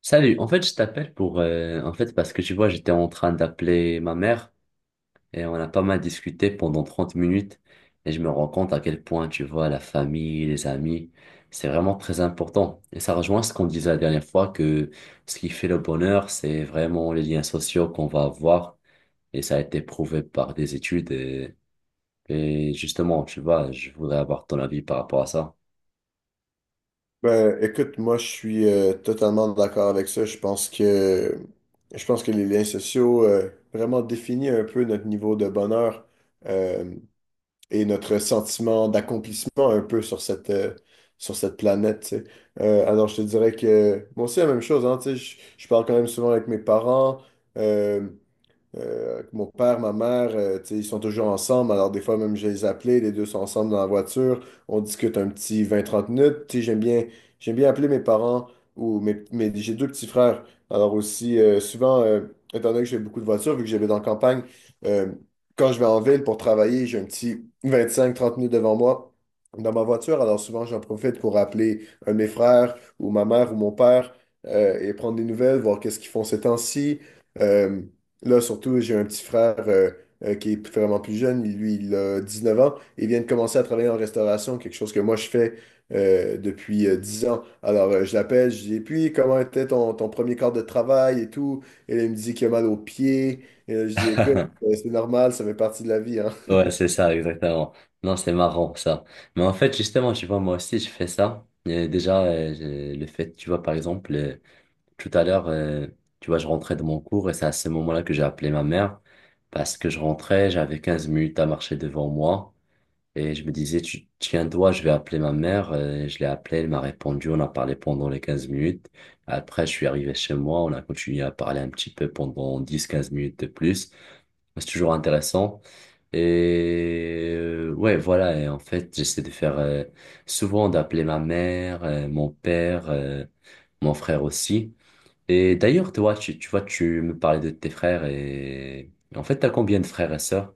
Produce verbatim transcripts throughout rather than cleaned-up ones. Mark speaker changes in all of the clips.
Speaker 1: Salut, en fait, je t'appelle pour, euh, en fait, parce que tu vois, j'étais en train d'appeler ma mère et on a pas mal discuté pendant trente minutes. Et je me rends compte à quel point, tu vois, la famille, les amis, c'est vraiment très important. Et ça rejoint ce qu'on disait la dernière fois que ce qui fait le bonheur, c'est vraiment les liens sociaux qu'on va avoir et ça a été prouvé par des études, et, et justement, tu vois, je voudrais avoir ton avis par rapport à ça.
Speaker 2: Ben, écoute, moi, je suis euh, totalement d'accord avec ça. Je pense que je pense que les liens sociaux euh, vraiment définissent un peu notre niveau de bonheur euh, et notre sentiment d'accomplissement un peu sur cette euh, sur cette planète. Tu sais. Euh, alors, je te dirais que moi aussi la même chose. Hein, tu sais, je, je parle quand même souvent avec mes parents. euh, euh, mon père, ma mère, euh, tu sais, ils sont toujours ensemble. Alors, des fois, même, je les appelais, les deux sont ensemble dans la voiture. On discute un petit vingt trente minutes. Tu sais, j'aime bien, j'aime bien appeler mes parents ou mes, mes- J'ai deux petits frères. Alors, aussi, euh, souvent, euh, étant donné que j'ai beaucoup de voitures, vu que j'habite en campagne, euh, quand je vais en ville pour travailler, j'ai un petit vingt cinq trente minutes devant moi dans ma voiture. Alors, souvent, j'en profite pour appeler un de mes frères ou ma mère ou mon père euh, et prendre des nouvelles, voir qu'est-ce qu'ils font ces temps-ci. Euh, Là, surtout, j'ai un petit frère euh, euh, qui est vraiment plus jeune. Lui, il a dix neuf ans et vient de commencer à travailler en restauration, quelque chose que moi, je fais euh, depuis euh, dix ans. Alors, euh, je l'appelle, je dis, et puis, comment était ton, ton premier quart de travail et tout? Et là, il me dit qu'il a mal aux pieds. Et là, je dis, écoute, euh, c'est normal, ça fait partie de la vie, hein.
Speaker 1: Ouais, c'est ça, exactement. Non, c'est marrant, ça. Mais en fait, justement, tu vois, moi aussi, je fais ça. Et déjà, euh, j'ai- le fait, tu vois, par exemple, euh, tout à l'heure, euh, tu vois, je rentrais de mon cours et c'est à ce moment-là que j'ai appelé ma mère parce que je rentrais, j'avais quinze minutes à marcher devant moi et je me disais, tu tiens-toi, je vais appeler ma mère. Euh, je l'ai appelée, elle m'a répondu, on a parlé pendant les quinze minutes. Après, je suis arrivé chez moi, on a continué à parler un petit peu pendant dix quinze minutes de plus. Bah, c'est toujours intéressant. Et euh, ouais, voilà. Et en fait, j'essaie de faire euh, souvent d'appeler ma mère, euh, mon père, euh, mon frère aussi. Et d'ailleurs, toi, tu, tu vois, tu me parlais de tes frères et en fait, t'as combien de frères et sœurs?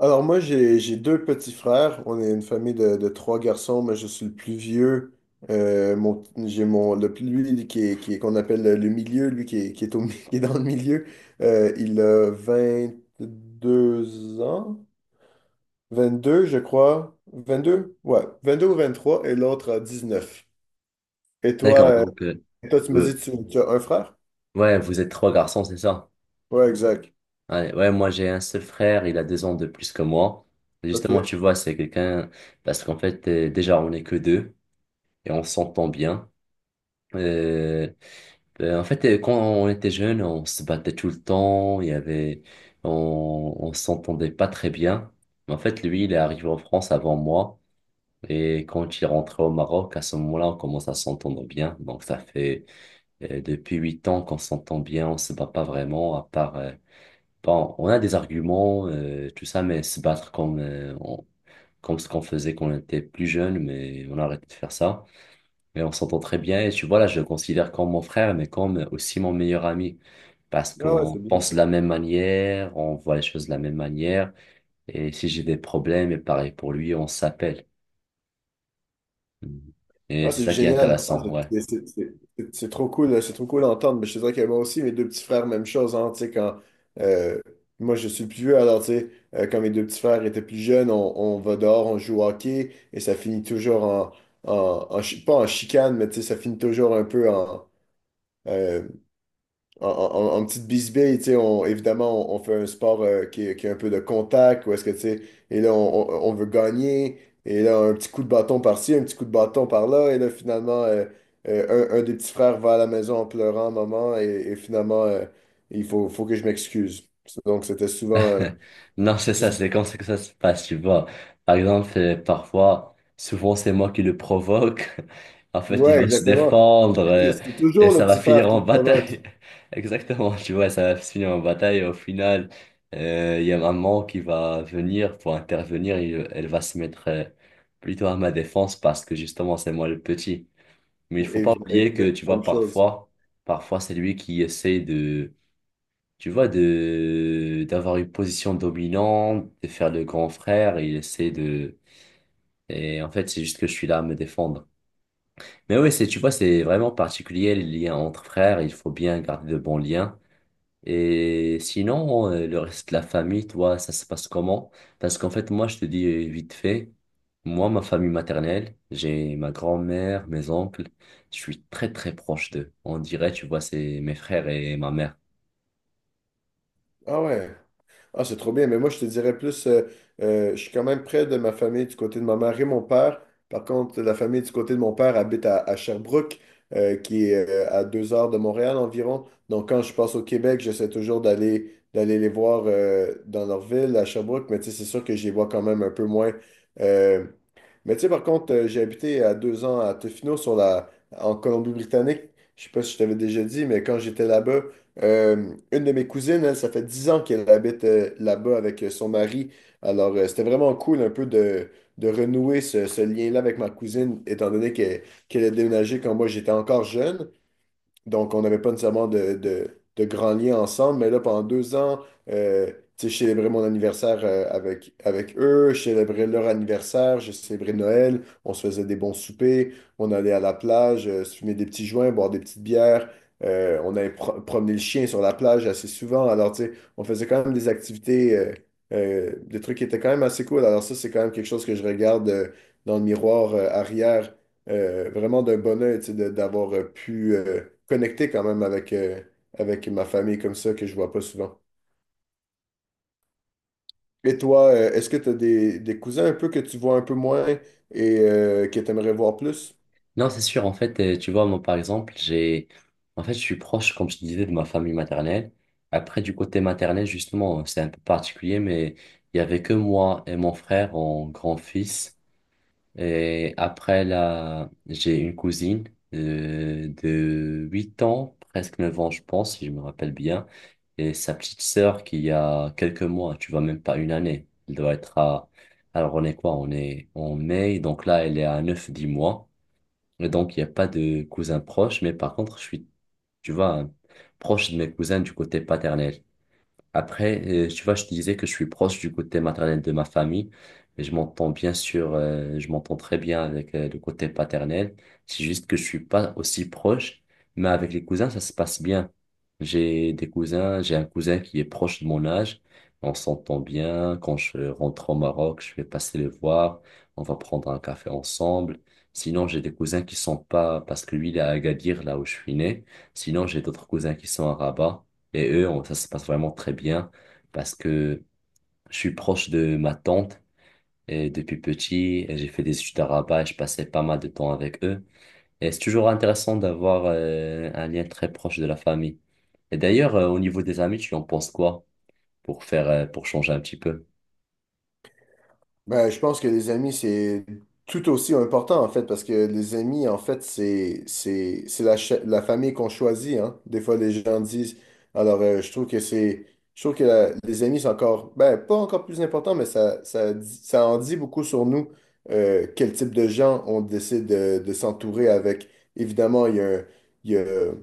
Speaker 2: Alors moi, j'ai, j'ai deux petits frères. On est une famille de, de trois garçons, mais je suis le plus vieux. Euh, mon, j'ai mon, le plus, lui, qui est, qui est- qu'on appelle le, le milieu, lui qui est, qui est au, mi- qui est dans le milieu. Euh, il a vingt deux ans, vingt deux je crois. vingt-deux? Ouais, vingt-deux ou trois et l'autre a neuf. Et toi,
Speaker 1: D'accord,
Speaker 2: euh,
Speaker 1: donc euh,
Speaker 2: toi tu me dis,
Speaker 1: euh,
Speaker 2: tu, tu as un frère?
Speaker 1: ouais, vous êtes trois garçons, c'est ça?
Speaker 2: Ouais, exact.
Speaker 1: Ouais, ouais, moi j'ai un seul frère, il a deux ans de plus que moi. Justement,
Speaker 2: OK.
Speaker 1: tu vois, c'est quelqu'un parce qu'en fait, euh, déjà on n'est que deux et on s'entend bien. Euh, Euh, En fait, euh, quand on était jeune, on se battait tout le temps, il y avait, on, on s'entendait pas très bien. Mais en fait, lui, il est arrivé en France avant moi. Et quand il est rentré au Maroc, à ce moment-là, on commence à s'entendre bien. Donc, ça fait euh, depuis huit ans qu'on s'entend bien, on se bat pas vraiment, à part, euh, bon, on a des arguments, euh, tout ça, mais se battre comme, euh, on- comme ce qu'on faisait quand on était plus jeune, mais on a arrêté de faire ça et on s'entend très bien et tu vois, là, je le considère comme mon frère, mais comme aussi mon meilleur ami. Parce
Speaker 2: Ah ouais,
Speaker 1: qu'on
Speaker 2: c'est bien
Speaker 1: pense
Speaker 2: ça.
Speaker 1: de la même manière, on voit les choses de la même manière. Et si j'ai des problèmes, et pareil pour lui, on s'appelle. Mhm. Et
Speaker 2: Ah,
Speaker 1: c'est
Speaker 2: c'est
Speaker 1: ça qui est
Speaker 2: génial. Ah,
Speaker 1: intéressant, ouais.
Speaker 2: C'est c'est- c'est- c'est- c'est trop cool, euh, c'est trop cool d'entendre. Mais je te dirais que moi aussi, mes deux petits frères, même chose. Hein, tu sais, quand, euh, moi, je suis le plus vieux, alors tu sais, euh, quand mes deux petits frères étaient plus jeunes, on, on va dehors, on joue au hockey et ça finit toujours en, en, en chi- pas en chicane, mais tu sais, ça finit toujours un peu en, euh, en, en- en petite bisbille, tu sais, on, évidemment, on, on fait un sport euh, qui, est- qui a un peu de contact, ou est-ce que, tu sais, et là, on, on- on veut gagner, et là, un petit coup de bâton par-ci, un petit coup de bâton par-là, et là, finalement, euh, euh, un, un des petits frères va à la maison en pleurant, maman, et, et finalement, euh, il faut, faut que je m'excuse. Donc, c'était souvent... euh,
Speaker 1: Non, c'est ça, c'est comme ça que ça se passe, tu vois. Par exemple, euh, parfois, souvent c'est moi qui le provoque. En fait, il
Speaker 2: Ouais,
Speaker 1: va se
Speaker 2: exactement.
Speaker 1: défendre
Speaker 2: C'est
Speaker 1: euh,
Speaker 2: c'est
Speaker 1: et
Speaker 2: toujours
Speaker 1: ça
Speaker 2: le
Speaker 1: va
Speaker 2: petit frère
Speaker 1: finir
Speaker 2: qui
Speaker 1: en
Speaker 2: provoque,
Speaker 1: bataille. Exactement, tu vois, ça va finir en bataille et au final, euh, il y a maman qui va venir pour intervenir et euh, elle va se mettre euh, plutôt à ma défense parce que justement, c'est moi le petit. Mais il faut pas
Speaker 2: évi- é-
Speaker 1: oublier que, tu vois,
Speaker 2: même chose.
Speaker 1: parfois, parfois c'est lui qui essaie de tu vois, de d'avoir une position dominante, de faire le grand frère, il essaie de... Et en fait, c'est juste que je suis là à me défendre. Mais oui, c'est, tu vois, c'est vraiment particulier, les liens entre frères, il faut bien garder de bons liens. Et sinon, euh, le reste de la famille, toi, ça se passe comment? Parce qu'en fait, moi, je te dis euh, vite fait, moi, ma famille maternelle, j'ai ma grand-mère, mes oncles, je suis très, très proche d'eux. On dirait, tu vois, c'est mes frères et ma mère.
Speaker 2: Ah ouais. Ah, c'est trop bien, mais moi, je te dirais plus, euh, euh, je suis quand même près de ma famille du côté de ma mère et mon père. Par contre, la famille du côté de mon père habite à, à Sherbrooke, euh, qui est euh, à deux heures de Montréal environ. Donc, quand je passe au Québec, j'essaie toujours d'aller d'aller les voir euh, dans leur ville, à Sherbrooke, mais tu sais, c'est sûr que je les vois quand même un peu moins. Euh, mais tu sais, par contre, euh, j'ai habité à deux ans à Tofino, sur la, en Colombie-Britannique. Je sais pas si je t'avais déjà dit, mais quand j'étais là-bas, euh, une de mes cousines, elle, ça fait dix ans qu'elle habite euh, là-bas avec euh, son mari. Alors, euh, c'était vraiment cool un peu de, de renouer ce, ce lien-là avec ma cousine, étant donné que- qu'elle a déménagé quand moi j'étais encore jeune. Donc, on n'avait pas nécessairement de, de, de grands liens ensemble, mais là, pendant deux ans, euh, tu sais, je célébrais mon anniversaire euh, avec, avec eux, je célébrais leur anniversaire, je célébrais Noël, on se faisait des bons soupers, on allait à la plage, euh, se fumer des petits joints, boire des petites bières, euh, on allait pro- promener le chien sur la plage assez souvent. Alors, tu sais, on faisait quand même des activités, euh, euh, des trucs qui étaient quand même assez cool. Alors, ça, c'est quand même quelque chose que je regarde euh, dans le miroir euh, arrière euh, vraiment d'un bonheur, tu sais, de- d'avoir euh, pu euh, connecter quand même avec, euh, avec ma famille comme ça, que je vois pas souvent. Et toi, euh, est-ce que tu as des, des cousins un peu que tu vois un peu moins et euh, que tu aimerais voir plus?
Speaker 1: Non, c'est sûr. En fait, euh, tu vois, moi, par exemple, j'ai, en fait, je suis proche, comme je te disais, de ma famille maternelle. Après, du côté maternel, justement, euh, c'est un peu particulier, mais il y avait que moi et mon frère en grand-fils. Et après, là, j'ai une cousine euh, de huit ans, presque neuf ans, je pense, si je me rappelle bien. Et sa petite sœur qui a quelques mois, tu vois, même pas une année. Elle doit être à, alors on est quoi? On est en mai, donc là, elle est à neuf dix mois. Et donc, il n'y a pas de cousins proches, mais par contre, je suis, tu vois, proche de mes cousins du côté paternel. Après, euh, tu vois, je te disais que je suis proche du côté maternel de ma famille, et je m'entends bien sûr, euh, je m'entends très bien avec euh, le côté paternel. C'est juste que je suis pas aussi proche, mais avec les cousins, ça se passe bien. J'ai des cousins, j'ai un cousin qui est proche de mon âge, on s'entend bien. Quand je rentre au Maroc, je vais passer le voir, on va prendre un café ensemble. Sinon, j'ai des cousins qui sont pas, parce que lui, il est à Agadir, là où je suis né. Sinon, j'ai d'autres cousins qui sont à Rabat. Et eux, on- ça se passe vraiment très bien parce que je suis proche de ma tante et depuis petit, et j'ai fait des études à Rabat et je passais pas mal de temps avec eux. Et c'est toujours intéressant d'avoir euh, un lien très proche de la famille. Et d'ailleurs, euh, au niveau des amis, tu en penses quoi pour faire, euh, pour changer un petit peu?
Speaker 2: Ben, je pense que les amis, c'est tout aussi important, en fait, parce que les amis, en fait, c'est, c'est, c'est la, cha- la famille qu'on choisit, hein. Des fois, les gens disent, alors, euh, je trouve que c'est, je trouve que la- les amis, c'est encore, ben, pas encore plus important, mais ça, ça, dit- ça en dit beaucoup sur nous, euh, quel type de gens on décide de, de s'entourer avec. Évidemment, il y a, un-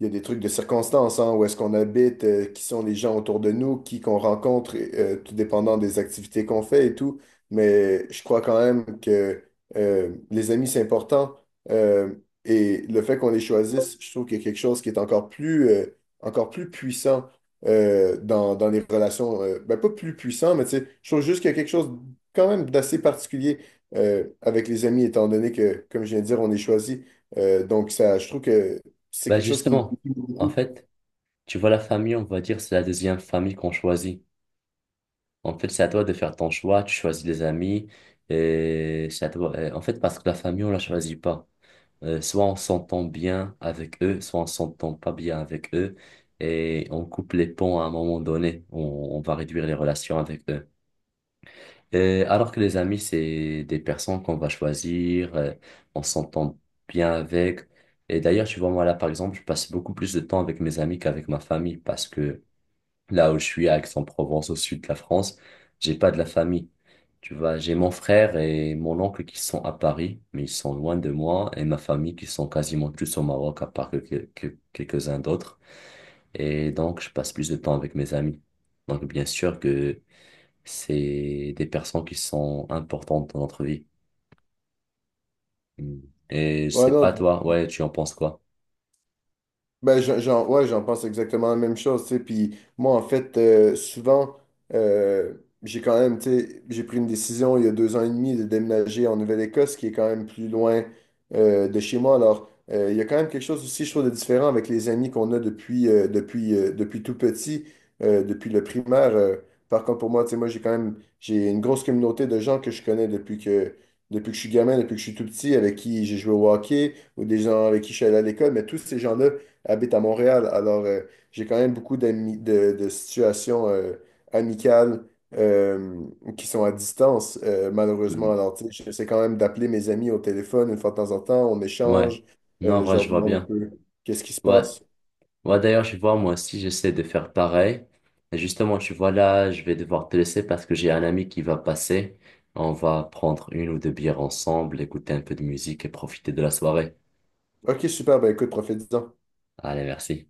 Speaker 2: il y a des trucs de circonstances, hein, où est-ce qu'on habite, euh, qui sont les gens autour de nous, qui qu'on rencontre, et, euh, tout dépendant des activités qu'on fait et tout. Mais je crois quand même que euh, les amis, c'est important. Euh, et le fait qu'on les choisisse, je trouve qu'il y a quelque chose qui est encore plus, euh, encore plus puissant euh, dans, dans les relations. euh, ben, pas plus puissant, mais tu sais, je trouve juste qu'il y a quelque chose quand même d'assez particulier euh, avec les amis, étant donné que, comme je viens de dire, on est choisi. Euh, donc, ça, je trouve que c'est
Speaker 1: Bah
Speaker 2: quelque chose qui
Speaker 1: justement, en
Speaker 2: beaucoup.
Speaker 1: fait, tu vois, la famille, on va dire, c'est la deuxième famille qu'on choisit. En fait, c'est à toi de faire ton choix, tu choisis les amis et c'est à toi. Et en fait, parce que la famille, on la choisit pas. Euh, soit on s'entend bien avec eux, soit on s'entend pas bien avec eux, et on coupe les ponts à un moment donné. On, on va réduire les relations avec eux. Et alors que les amis, c'est des personnes qu'on va choisir, euh, on s'entend bien avec. Et d'ailleurs, tu vois, moi là, par exemple, je passe beaucoup plus de temps avec mes amis qu'avec ma famille parce que là où je suis, à Aix-en-Provence, au sud de la France, j'ai pas de la famille. Tu vois, j'ai mon frère et mon oncle qui sont à Paris, mais ils sont loin de moi, et ma famille qui sont quasiment tous au Maroc, à part que, que- quelques-uns d'autres. Et donc, je passe plus de temps avec mes amis. Donc, bien sûr que c'est des personnes qui sont importantes dans notre vie. Mm. Et je
Speaker 2: Ouais,
Speaker 1: sais
Speaker 2: non,
Speaker 1: pas, toi, ouais, tu en penses quoi?
Speaker 2: Ben, j'en, j'en- ouais, j'en pense exactement la même chose, tu sais. Puis moi, en fait, euh, souvent, euh, j'ai quand même, tu sais, j'ai pris une décision il y a deux ans et demi de déménager en Nouvelle-Écosse, qui est quand même plus loin euh, de chez moi. Alors, euh, il y a quand même quelque chose aussi, je trouve, de différent avec les amis qu'on a depuis, euh, depuis, euh, depuis tout petit, euh, depuis le primaire. Euh, par contre, pour moi, tu sais, moi, j'ai quand même, j'ai une grosse communauté de gens que je connais depuis que, depuis que je suis gamin, depuis que je suis tout petit, avec qui j'ai joué au hockey, ou des gens avec qui je suis allé à l'école, mais tous ces gens-là, habite à Montréal. Alors, euh, j'ai quand même beaucoup d'amis, de, de situations euh, amicales euh, qui sont à distance, euh, malheureusement.
Speaker 1: Mm.
Speaker 2: Alors, tu sais, j'essaie quand même d'appeler mes amis au téléphone une fois de temps en temps, on
Speaker 1: Ouais.
Speaker 2: échange,
Speaker 1: Non, en
Speaker 2: euh, je
Speaker 1: vrai,
Speaker 2: leur
Speaker 1: je vois
Speaker 2: demande un
Speaker 1: bien.
Speaker 2: peu qu'est-ce qui se
Speaker 1: Ouais.
Speaker 2: passe.
Speaker 1: Ouais, d'ailleurs, je vois, moi aussi, j'essaie de faire pareil. Et justement, tu vois, là, je vais devoir te laisser parce que j'ai un ami qui va passer. On va prendre une ou deux bières ensemble, écouter un peu de musique et profiter de la soirée.
Speaker 2: Ok, super, ben écoute, profite-en.
Speaker 1: Allez, merci.